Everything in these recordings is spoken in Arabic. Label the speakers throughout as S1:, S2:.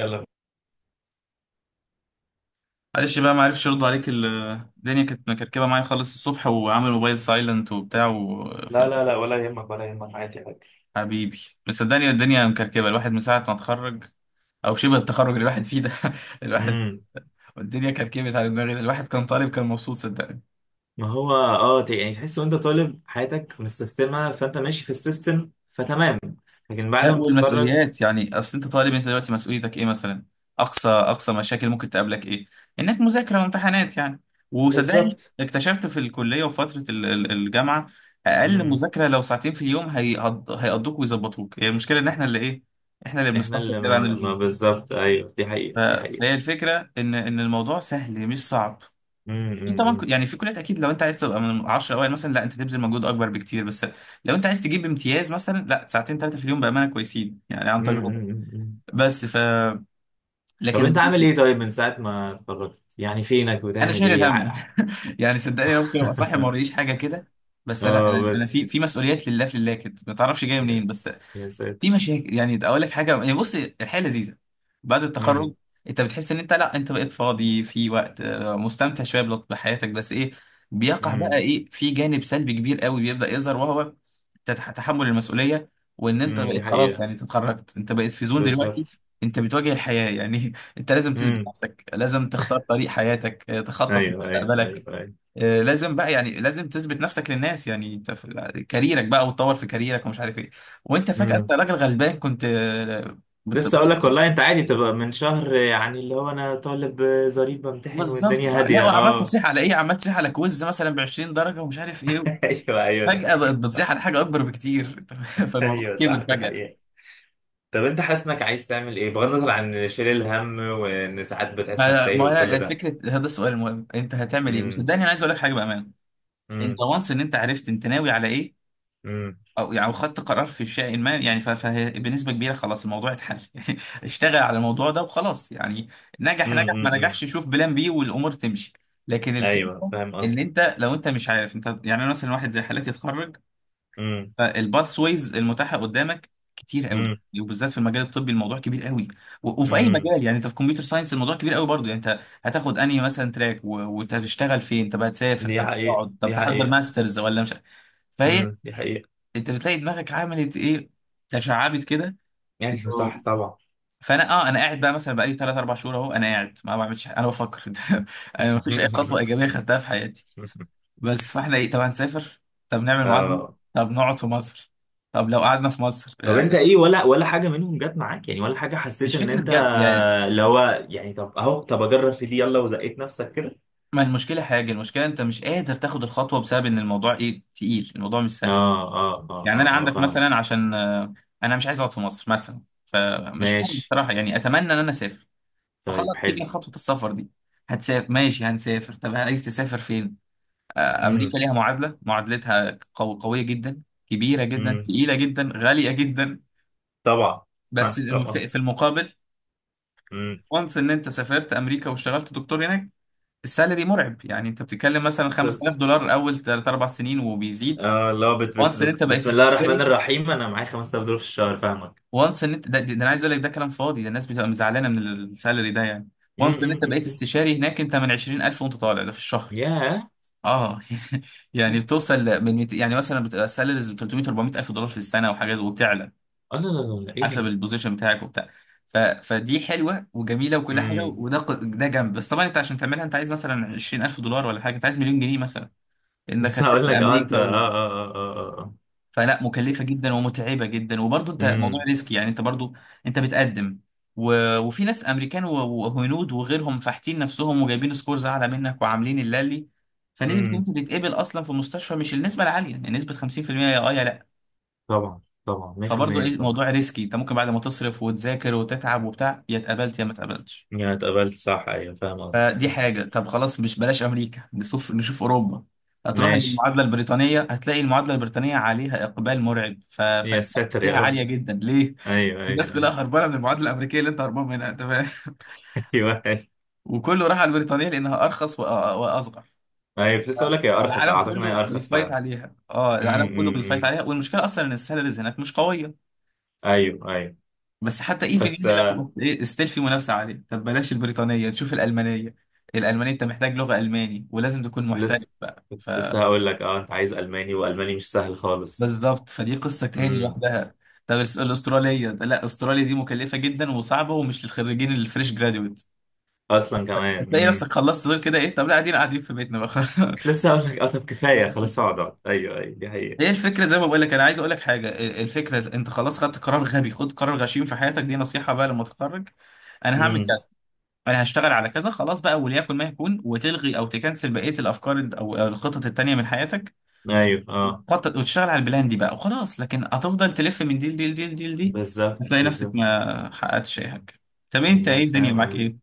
S1: يلا.
S2: معلش بقى ما عرفش يرد عليك الدنيا كانت مكركبه معايا خالص الصبح وعامل موبايل سايلنت وبتاع وفي
S1: لا لا لا، ولا يهمك ولا يهمك، عادي عادي.
S2: حبيبي، مصدقني الدنيا مكركبه، الواحد من ساعه ما اتخرج، او شبه التخرج اللي الواحد فيه ده. الواحد
S1: امم
S2: الدنيا كركبت على دماغي، الواحد كان طالب كان مبسوط صدقني.
S1: ما هو يعني تحس وانت طالب حياتك مستسلمه، فانت ماشي في السيستم فتمام. لكن بعد
S2: لا،
S1: ما تتخرج.
S2: والمسؤوليات، يعني اصل انت طالب، انت دلوقتي مسؤوليتك ايه مثلا؟ اقصى اقصى مشاكل ممكن تقابلك ايه؟ انك مذاكره وامتحانات يعني. وصدقني
S1: بالظبط.
S2: اكتشفت في الكليه وفتره الجامعه، اقل
S1: امم
S2: مذاكره لو ساعتين في اليوم هيقضوك ويظبطوك. هي المشكله ان احنا اللي ايه، احنا اللي
S1: احنا
S2: بنستهتر
S1: اللي
S2: كده عن
S1: ما
S2: اللزوم.
S1: بالظبط. ايوه، دي
S2: ف-
S1: حقيقه دي حقيقه.
S2: فهي الفكره ان الموضوع سهل مش صعب. في طبعا
S1: امم.
S2: يعني في كليات، اكيد لو انت عايز تبقى من 10 اوائل مثلا لا انت تبذل مجهود اكبر بكتير. بس لو انت عايز تجيب امتياز مثلا لا ساعتين ثلاثه في اليوم بامانه كويسين يعني، عن
S1: أمم،
S2: تجربه.
S1: أمم، أمم.
S2: بس ف
S1: طب
S2: لكن
S1: انت عامل
S2: ال-
S1: ايه؟ طيب، من ساعه ما اتخرجت يعني فينك
S2: انا
S1: بتعمل
S2: شايل
S1: ايه
S2: الهم. يعني صدقني ممكن ابقى صاحي ما وريش حاجه كده. بس لا،
S1: اه
S2: انا في
S1: بس.
S2: في مسؤوليات لله في الله كده ما تعرفش جايه
S1: يا
S2: منين بس.
S1: يا
S2: في
S1: ساتر.
S2: مشاكل، يعني اقول لك حاجه، يعني بص، الحياه لذيذه بعد التخرج.
S1: امم
S2: انت بتحس ان انت، لا انت بقيت فاضي في وقت، مستمتع شويه بحياتك. بس ايه بيقع بقى،
S1: امم
S2: ايه في جانب سلبي كبير قوي بيبدا يظهر، وهو تحمل المسؤوليه. وان انت
S1: امم، دي
S2: بقيت خلاص
S1: حقيقه.
S2: يعني، انت اتخرجت، انت بقيت في زون دلوقتي.
S1: بالظبط.
S2: انت بتواجه الحياه يعني انت لازم تثبت نفسك، لازم تختار طريق حياتك، تخطط
S1: ايوه ايوه ايوه
S2: لمستقبلك.
S1: ايوه.
S2: لازم بقى يعني، لازم تثبت نفسك للناس يعني. انت في كاريرك بقى وتطور في كاريرك ومش عارف ايه. وانت فجأة انت
S1: امم.
S2: راجل غلبان كنت. بت-
S1: لسه اقول لك والله، انت عادي تبقى من شهر، يعني اللي هو انا طالب ظريف بمتحن
S2: بالظبط.
S1: والدنيا
S2: لا
S1: هاديه،
S2: وعمال
S1: اه.
S2: تصيح على ايه، عمال تصيح على كويز مثلا ب 20 درجة ومش عارف ايه.
S1: ايوه ايوه، دي
S2: فجأة بقت
S1: حقيقة
S2: بتصيح
S1: صح.
S2: على حاجة اكبر بكتير فالموضوع
S1: ايوه
S2: كبر
S1: صح، دي
S2: فجأة.
S1: حقيقة. طب انت حاسس انك عايز تعمل ايه بغض النظر عن شيل الهم، وان ساعات بتحس انك
S2: ما
S1: تايه
S2: ما انا،
S1: وكل ده؟
S2: فكرة هذا السؤال المهم انت هتعمل ايه.
S1: امم.
S2: وصدقني انا عايز اقول لك حاجة بأمانة، انت
S1: امم
S2: وانس ان انت عرفت انت ناوي على ايه،
S1: امم
S2: او يعني خدت قرار في شيء ما يعني. فبنسبه كبيره خلاص الموضوع اتحل يعني. اشتغل على الموضوع ده وخلاص يعني، نجح
S1: امم.
S2: نجح ما
S1: امم.
S2: نجحش شوف بلان بي والامور تمشي. لكن
S1: ايوه
S2: الكلمه
S1: فاهم
S2: ان
S1: قصدي.
S2: انت لو انت مش عارف انت، يعني أنا مثلا واحد زي حالاتي اتخرج،
S1: امم
S2: فالباث ويز المتاحه قدامك كتير قوي.
S1: امم
S2: وبالذات في المجال الطبي الموضوع كبير قوي. وفي اي
S1: امم،
S2: مجال يعني، انت في كمبيوتر ساينس الموضوع كبير قوي برضه. يعني انت هتاخد انهي مثلا تراك، وتشتغل فين؟ طب هتسافر؟
S1: دي
S2: طب
S1: حقيقة
S2: هتقعد؟ طب
S1: دي
S2: تحضر
S1: حقيقة.
S2: ماسترز ولا مش؟ فهي،
S1: امم، دي حقيقة.
S2: انت بتلاقي دماغك عملت ايه، تشعبت كده.
S1: ايوه
S2: و-
S1: صح طبعا.
S2: فانا انا قاعد بقى مثلا بقالي 3 4 شهور اهو، انا قاعد ما بعملش حاجة، انا بفكر انا ما فيش اي خطوه ايجابيه خدتها في حياتي بس. فاحنا ايه، طب هنسافر؟ طب نعمل معادله؟
S1: اه،
S2: طب نقعد في مصر؟ طب لو قعدنا في مصر
S1: طب
S2: يعني،
S1: انت ايه، ولا حاجه منهم جت معاك يعني، ولا حاجه حسيت
S2: مش
S1: ان
S2: فكره
S1: انت
S2: جد يعني.
S1: اللي هو يعني، طب اهو طب اجرب في دي يلا وزقيت نفسك كده.
S2: ما المشكله حاجه، المشكله انت مش قادر تاخد الخطوه بسبب ان الموضوع ايه، تقيل. الموضوع مش
S1: اه
S2: سهل.
S1: اه اه
S2: يعني
S1: اه
S2: انا
S1: اه،
S2: عندك
S1: فاهم.
S2: مثلا عشان انا مش عايز اقعد في مصر مثلا، فمش عارف
S1: ماشي.
S2: بصراحه يعني. اتمنى ان انا اسافر.
S1: طيب
S2: فخلاص تيجي
S1: حلو.
S2: خطوة السفر دي. هتسافر ماشي، هنسافر. طب عايز تسافر فين؟ أمريكا
S1: امم
S2: ليها معادلة، معادلتها قوية جدا، كبيرة جدا،
S1: امم.
S2: تقيلة جدا، غالية جدا.
S1: طبعا. آه،
S2: بس
S1: طبعا.
S2: في المقابل
S1: امم.
S2: وانس ان انت سافرت امريكا واشتغلت دكتور هناك، السالري مرعب. يعني انت بتتكلم مثلا
S1: كنت-
S2: 5000 دولار اول 3 4 سنين وبيزيد.
S1: اه لا، بت بت
S2: وانس ان انت
S1: بت
S2: بقيت
S1: بسم الله الرحمن
S2: استشاري،
S1: الرحيم، انا معايا $5,000 في الشهر، فاهمك.
S2: وانس ان انت ده. انا عايز اقول لك ده كلام فاضي، ده الناس بتبقى مزعلانه من السالري ده يعني.
S1: امم
S2: وانس ان
S1: امم
S2: انت
S1: امم
S2: بقيت
S1: امم.
S2: استشاري هناك، انت من 20,000 وانت طالع ده في الشهر.
S1: ياه.
S2: اه يعني بتوصل من يعني مثلا بتبقى سالاريز ب 300 400 الف دولار في السنه وحاجات، وبتعلى
S1: اه، لا لا لا لا، ايه
S2: حسب
S1: ده؟
S2: البوزيشن بتاعك وبتاع. فدي حلوه وجميله وكل حاجه،
S1: امم.
S2: وده ده جنب. بس طبعا انت عشان تعملها انت عايز مثلا 20,000 دولار ولا حاجه، انت عايز مليون جنيه مثلا انك
S1: بس هقول
S2: هتسافر
S1: لك، اه انت
S2: امريكا.
S1: اه اه اه اه اه آه.
S2: فلا، مكلفة جدا ومتعبة جدا، وبرضه انت موضوع
S1: امم
S2: ريسك يعني. انت برضه انت بتقدم، وفي ناس امريكان وهنود وغيرهم فاحتين نفسهم وجايبين سكورز اعلى منك وعاملين اللالي. فنسبة ان
S1: امم.
S2: انت تتقبل اصلا في المستشفى مش النسبة العالية، يعني نسبة 50% يا اه يا لا.
S1: طبعا طبعا
S2: فبرضه ايه،
S1: 100% طبعا.
S2: الموضوع ريسكي، انت ممكن بعد ما تصرف وتذاكر وتتعب وبتاع، يا اتقبلت يا ما اتقبلتش.
S1: يا اتقبلت صح، ايوه فاهم قصدي
S2: فدي
S1: فاهم
S2: حاجة.
S1: قصدي.
S2: طب خلاص مش بلاش أمريكا، نشوف نشوف أوروبا. هتروح
S1: ماشي.
S2: المعادلة البريطانية، هتلاقي المعادلة البريطانية عليها إقبال مرعب.
S1: يا
S2: فالمنافسة
S1: ساتر يا
S2: فيها
S1: رب.
S2: عالية جدا، ليه؟
S1: ايوه
S2: الناس
S1: ايوه
S2: كلها
S1: ايوه.
S2: هربانة من المعادلة الأمريكية اللي أنت هربان منها أنت، فاهم؟
S1: ايوه ايوه.
S2: وكله راح على البريطانية لأنها أرخص وأصغر.
S1: أيوة، كنت لسه اقول لك هي ارخص،
S2: العالم
S1: اعتقد ان
S2: كله
S1: هي ارخص
S2: بيفايت
S1: فعلا.
S2: عليها، العالم
S1: امم،
S2: كله
S1: أمم
S2: بيفايت
S1: أمم.
S2: عليها. والمشكله اصلا ان السالاريز هناك مش قويه.
S1: ايوه ايوه.
S2: بس حتى ايفن
S1: بس
S2: يعني
S1: آه،
S2: لو ايه ستيل في منافسه عاليه. طب بلاش البريطانيه نشوف الالمانيه، الالمانيه انت محتاج لغه الماني ولازم تكون محترف
S1: لسه.
S2: بقى.
S1: كنت لسه هقول لك، اه انت عايز الماني والماني مش سهل خالص.
S2: بالظبط، فدي قصة تاني
S1: امم.
S2: لوحدها. طب الأسترالية، لا، أستراليا دي مكلفة جدا وصعبة ومش للخريجين اللي فريش جراديويت.
S1: اصلا كمان.
S2: هتلاقي
S1: امم.
S2: نفسك خلصت دول كده ايه، طب لا قاعدين قاعدين في بيتنا بقى
S1: كنت لسه هقول لك، اه طب كفايه
S2: بس
S1: خلاص،
S2: كده
S1: اقعد اقعد. ايوه ايوه، دي حقيقه.
S2: ايه الفكرة. زي ما بقول لك انا عايز اقول لك حاجة. الفكرة انت خلاص خدت قرار، غبي خد قرار غشيم في حياتك. دي نصيحة بقى، لما تتخرج انا هعمل
S1: امم.
S2: كذا، انا هشتغل على كذا، خلاص بقى وليكن ما يكون. وتلغي او تكنسل بقية الافكار او الخطط التانية من حياتك.
S1: ايوه اه.
S2: خطط وتشتغل على البلان دي بقى وخلاص. لكن هتفضل تلف من دي لدي لدي لدي لدي،
S1: بالظبط
S2: هتلاقي نفسك
S1: بالظبط.
S2: ما حققتش اي حاجه. طب انت ايه
S1: بالظبط
S2: الدنيا
S1: فاهم
S2: معاك
S1: قصدي.
S2: ايه؟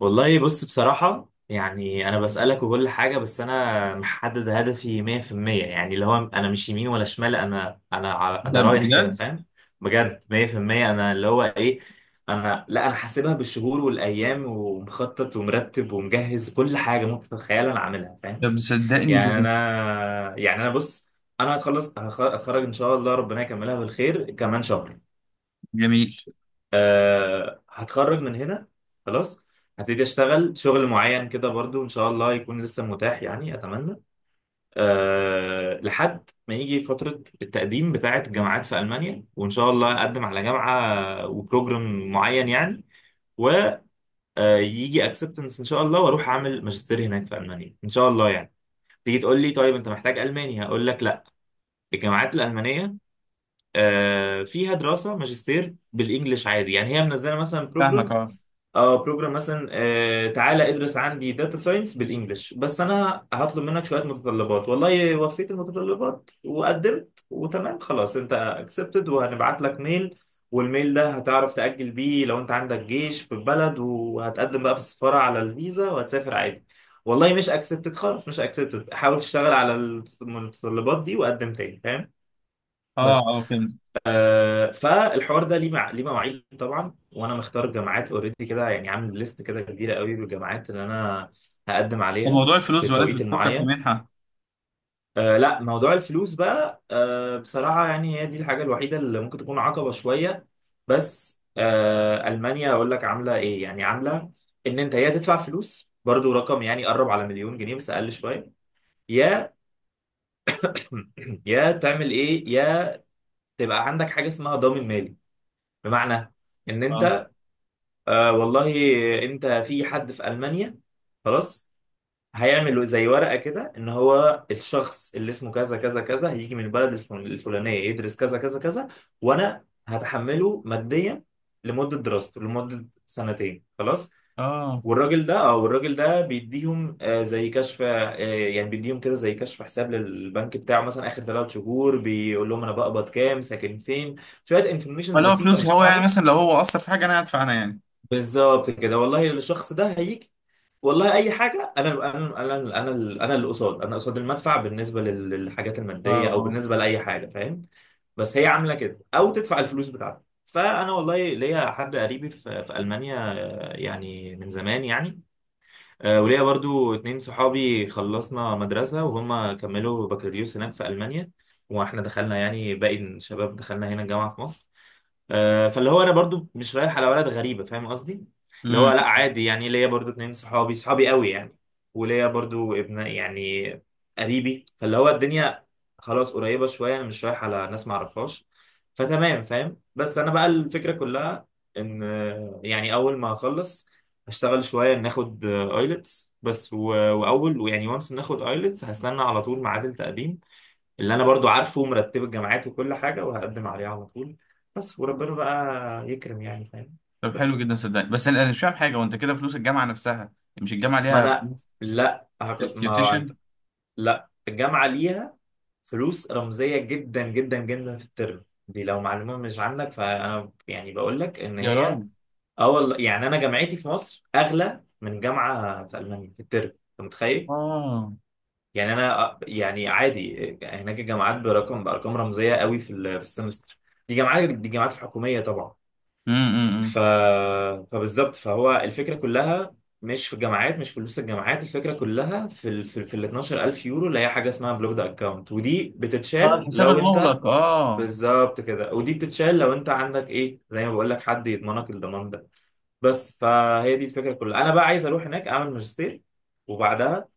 S1: والله بص، بصراحة يعني أنا بسألك وكل حاجة، بس أنا محدد هدفي 100%، يعني اللي هو أنا مش يمين ولا شمال،
S2: ده
S1: أنا رايح كده
S2: بجد؟
S1: فاهم. بجد 100%. أنا اللي هو إيه، لا أنا حاسبها بالشهور والأيام، ومخطط ومرتب ومجهز، كل حاجة ممكن تتخيلها أنا عاملها فاهم.
S2: طب صدقني
S1: يعني
S2: جميل.
S1: أنا يعني أنا بص، هتخرج إن شاء الله، ربنا يكملها بالخير كمان شهر.
S2: جميل،
S1: آه، هتخرج من هنا خلاص. هبتدي اشتغل شغل معين كده برضو، ان شاء الله يكون لسه متاح يعني اتمنى. آه، لحد ما يجي فترة التقديم بتاعة الجامعات في المانيا، وان شاء الله اقدم على جامعة وبروجرام معين يعني، ويجي اكسبتنس ان شاء الله، واروح اعمل ماجستير هناك في المانيا ان شاء الله يعني. تيجي تقول لي طيب انت محتاج الماني، هقول لك لا. الجامعات الالمانيه آه، فيها دراسه ماجستير بالانجلش عادي، يعني هي منزله مثلا
S2: فاهمك.
S1: بروجرام.
S2: اه،
S1: اه، بروجرام مثلا آه تعالى ادرس عندي داتا ساينس بالانجلش، بس انا هطلب منك شويه متطلبات. والله وفيت المتطلبات وقدمت وتمام، خلاص انت اكسبتد وهنبعت لك ميل. والميل ده هتعرف تأجل بيه لو انت عندك جيش في البلد، وهتقدم بقى في السفاره على الفيزا وهتسافر عادي. والله مش اكسبتد، خلاص مش اكسبتد، حاول تشتغل على المتطلبات دي وقدم تاني فاهم.
S2: اه،
S1: بس
S2: اه فهمت.
S1: آه، فالحوار ده ليه ليه مواعيد طبعا، وانا مختار جامعات اوريدي كده يعني، عامل ليست كده كبيره قوي بالجامعات اللي انا هقدم
S2: طب
S1: عليها
S2: موضوع
S1: في
S2: الفلوس ولا انت
S1: التوقيت
S2: بتفكر في
S1: المعين.
S2: منحه؟
S1: آه لا، موضوع الفلوس بقى آه بصراحه، يعني هي دي الحاجه الوحيده اللي ممكن تكون عقبه شويه. بس آه، المانيا اقول لك عامله ايه. يعني عامله ان انت يا تدفع فلوس، برضو رقم يعني قرب على مليون جنيه بس اقل شويه، يا يا تعمل ايه، يا تبقى عندك حاجه اسمها ضامن مالي، بمعنى ان
S2: اه،
S1: انت آه والله انت في حد في المانيا خلاص، هيعمل زي ورقه كده، ان هو الشخص اللي اسمه كذا كذا كذا هيجي من البلد الفلانيه يدرس كذا كذا كذا، وانا هتحمله ماديا لمده دراسته، لمده سنتين خلاص.
S2: اه،
S1: والراجل ده او الراجل ده بيديهم آه زي كشف، آه يعني بيديهم كده زي كشف حساب للبنك بتاعه، مثلا اخر 3 شهور بيقول لهم انا بقبض كام، ساكن فين، شويه انفورميشنز
S2: لو
S1: بسيطه مش
S2: فلوسي هو يعني،
S1: صعبه.
S2: مثلا لو هو اثر في حاجه انا هدفع انا يعني.
S1: بالظبط كده والله، الشخص ده هيجي، والله اي حاجه، انا انا انا انا اللي قصاد، انا قصاد المدفع بالنسبه للحاجات
S2: اه،
S1: الماديه، او
S2: اه،
S1: بالنسبه لاي حاجه فاهم. بس هي عامله كده، او تدفع الفلوس بتاعتك، فانا والله ليا حد قريبي في المانيا آه، يعني من زمان يعني. آه، وليا برضو اتنين صحابي خلصنا مدرسه، وهم كملوا بكالوريوس هناك في المانيا، واحنا دخلنا يعني باقي الشباب دخلنا هنا الجامعه في مصر. آه، فاللي هو انا برضو مش رايح على بلد غريبه فاهم قصدي. اللي هو
S2: امم.
S1: لا عادي يعني، ليا برضو اتنين صحابي صحابي قوي يعني، وليا برضو ابن يعني قريبي، فاللي هو الدنيا خلاص قريبه شويه، انا مش رايح على ناس ما اعرفهاش فتمام فاهم. بس انا بقى الفكره كلها ان آه، يعني اول ما اخلص هشتغل شويه ناخد ايلتس بس واول ويعني وانس ناخد ايلتس هستنى على طول ميعاد التقديم، اللي انا برضو عارفه ومرتب الجامعات وكل حاجه، وهقدم عليه على طول بس، وربنا بقى يكرم يعني فاهم.
S2: طب
S1: بس،
S2: حلو جدا صدقني. بس انا، مش فاهم حاجه وانت كده. فلوس الجامعه نفسها، مش الجامعه
S1: ما
S2: ليها
S1: انا
S2: فلوس؟
S1: ما انت.
S2: التيوتيشن.
S1: لا الجامعه ليها فلوس رمزيه جدا جدا جدا في الترم دي، لو معلومه مش عندك فانا يعني بقول لك ان
S2: يا
S1: هي
S2: راجل.
S1: اه والله، يعني انا جامعتي في مصر اغلى من جامعه في المانيا في الترم، انت متخيل.
S2: اه.
S1: يعني انا آه، يعني عادي هناك الجامعات برقم بارقام رمزيه قوي في السمستر، دي جامعات دي جامعات الحكوميه طبعا.
S2: امم.
S1: ف... فبالظبط، فهو الفكرة كلها مش في الجامعات، مش في فلوس الجامعات، الفكرة كلها في ال 12,000 يورو اللي هي حاجة اسمها بلوكد اكونت، ودي
S2: اه،
S1: بتتشال
S2: الحساب
S1: لو انت
S2: المغلق. اه،
S1: بالظبط كده. ودي بتتشال لو انت عندك ايه، زي ما بقول لك حد يضمنك، الضمان ده بس. فهي دي الفكرة كلها، انا بقى عايز اروح هناك اعمل ماجستير، وبعدها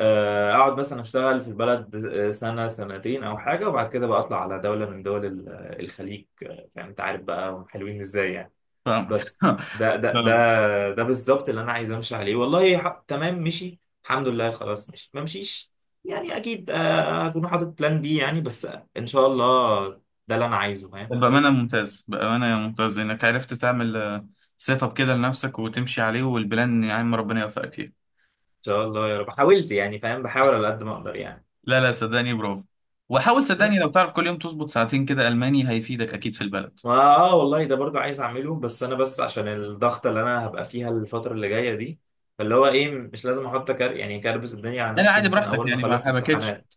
S1: آه، اقعد مثلا اشتغل في البلد آه، سنة سنتين او حاجة، وبعد كده بقى اطلع على دولة من دول الخليج آه، فاهم انت عارف بقى هم حلوين ازاي يعني
S2: فاهمك
S1: بس. ده ده
S2: فاهمك.
S1: ده ده بالظبط اللي انا عايز امشي عليه والله، تمام مشي الحمد لله خلاص، مشي ما مشيش يعني، اكيد آه، هكون حاطط بلان بي يعني بس، ان شاء الله. ده اللي انا عايزه فاهم
S2: بأمانة
S1: بس.
S2: ممتاز، بأمانة ممتاز إنك عرفت تعمل سيت اب كده لنفسك وتمشي عليه. والبلان يا عم ربنا يوفقك فيه.
S1: ان شاء الله يا رب، حاولت يعني فاهم، بحاول على قد ما اقدر يعني.
S2: لا لا، صدقني برافو. وحاول، صدقني لو
S1: بس
S2: تعرف كل يوم تظبط ساعتين كده ألماني هيفيدك أكيد في البلد.
S1: ما اه والله ده برضو عايز اعمله، بس انا بس عشان الضغطه اللي انا هبقى فيها الفتره اللي جايه دي، فاللي هو ايه مش لازم احط كار يعني كربس الدنيا على
S2: يعني
S1: نفسي،
S2: عادي
S1: ممكن
S2: براحتك
S1: اول ما
S2: يعني، ما
S1: اخلص
S2: حبكتش.
S1: امتحانات،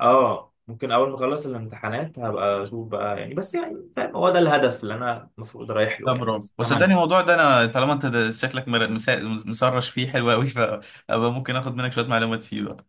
S1: اه ممكن اول ما اخلص الامتحانات هبقى اشوف بقى يعني بس، يعني فاهم هو ده الهدف اللي انا المفروض رايح
S2: لا
S1: له يعني
S2: برافو. وصدقني
S1: تمام.
S2: الموضوع ده، أنا طالما أنت ده شكلك مسرش فيه، حلو أوي، فأبقى ممكن آخد منك شوية معلومات فيه بقى.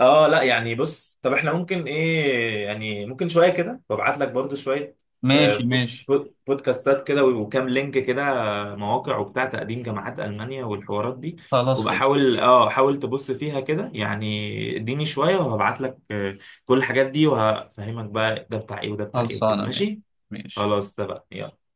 S1: اه لا يعني بص، طب احنا ممكن ايه يعني، ممكن شويه كده وابعت لك برضو شويه آه،
S2: ماشي ماشي.
S1: بودكاستات كده وكام لينك كده آه، مواقع وبتاع تقديم جامعات المانيا والحوارات دي،
S2: خلاص
S1: وبقى
S2: فل
S1: حاول اه حاول تبص فيها كده يعني، اديني شويه وهبعت لك آه، كل الحاجات دي وهفهمك بقى ده بتاع ايه وده بتاع ايه وكده
S2: خلصانة ماشي.
S1: ماشي.
S2: ماشي.
S1: خلاص ده بقى، يلا.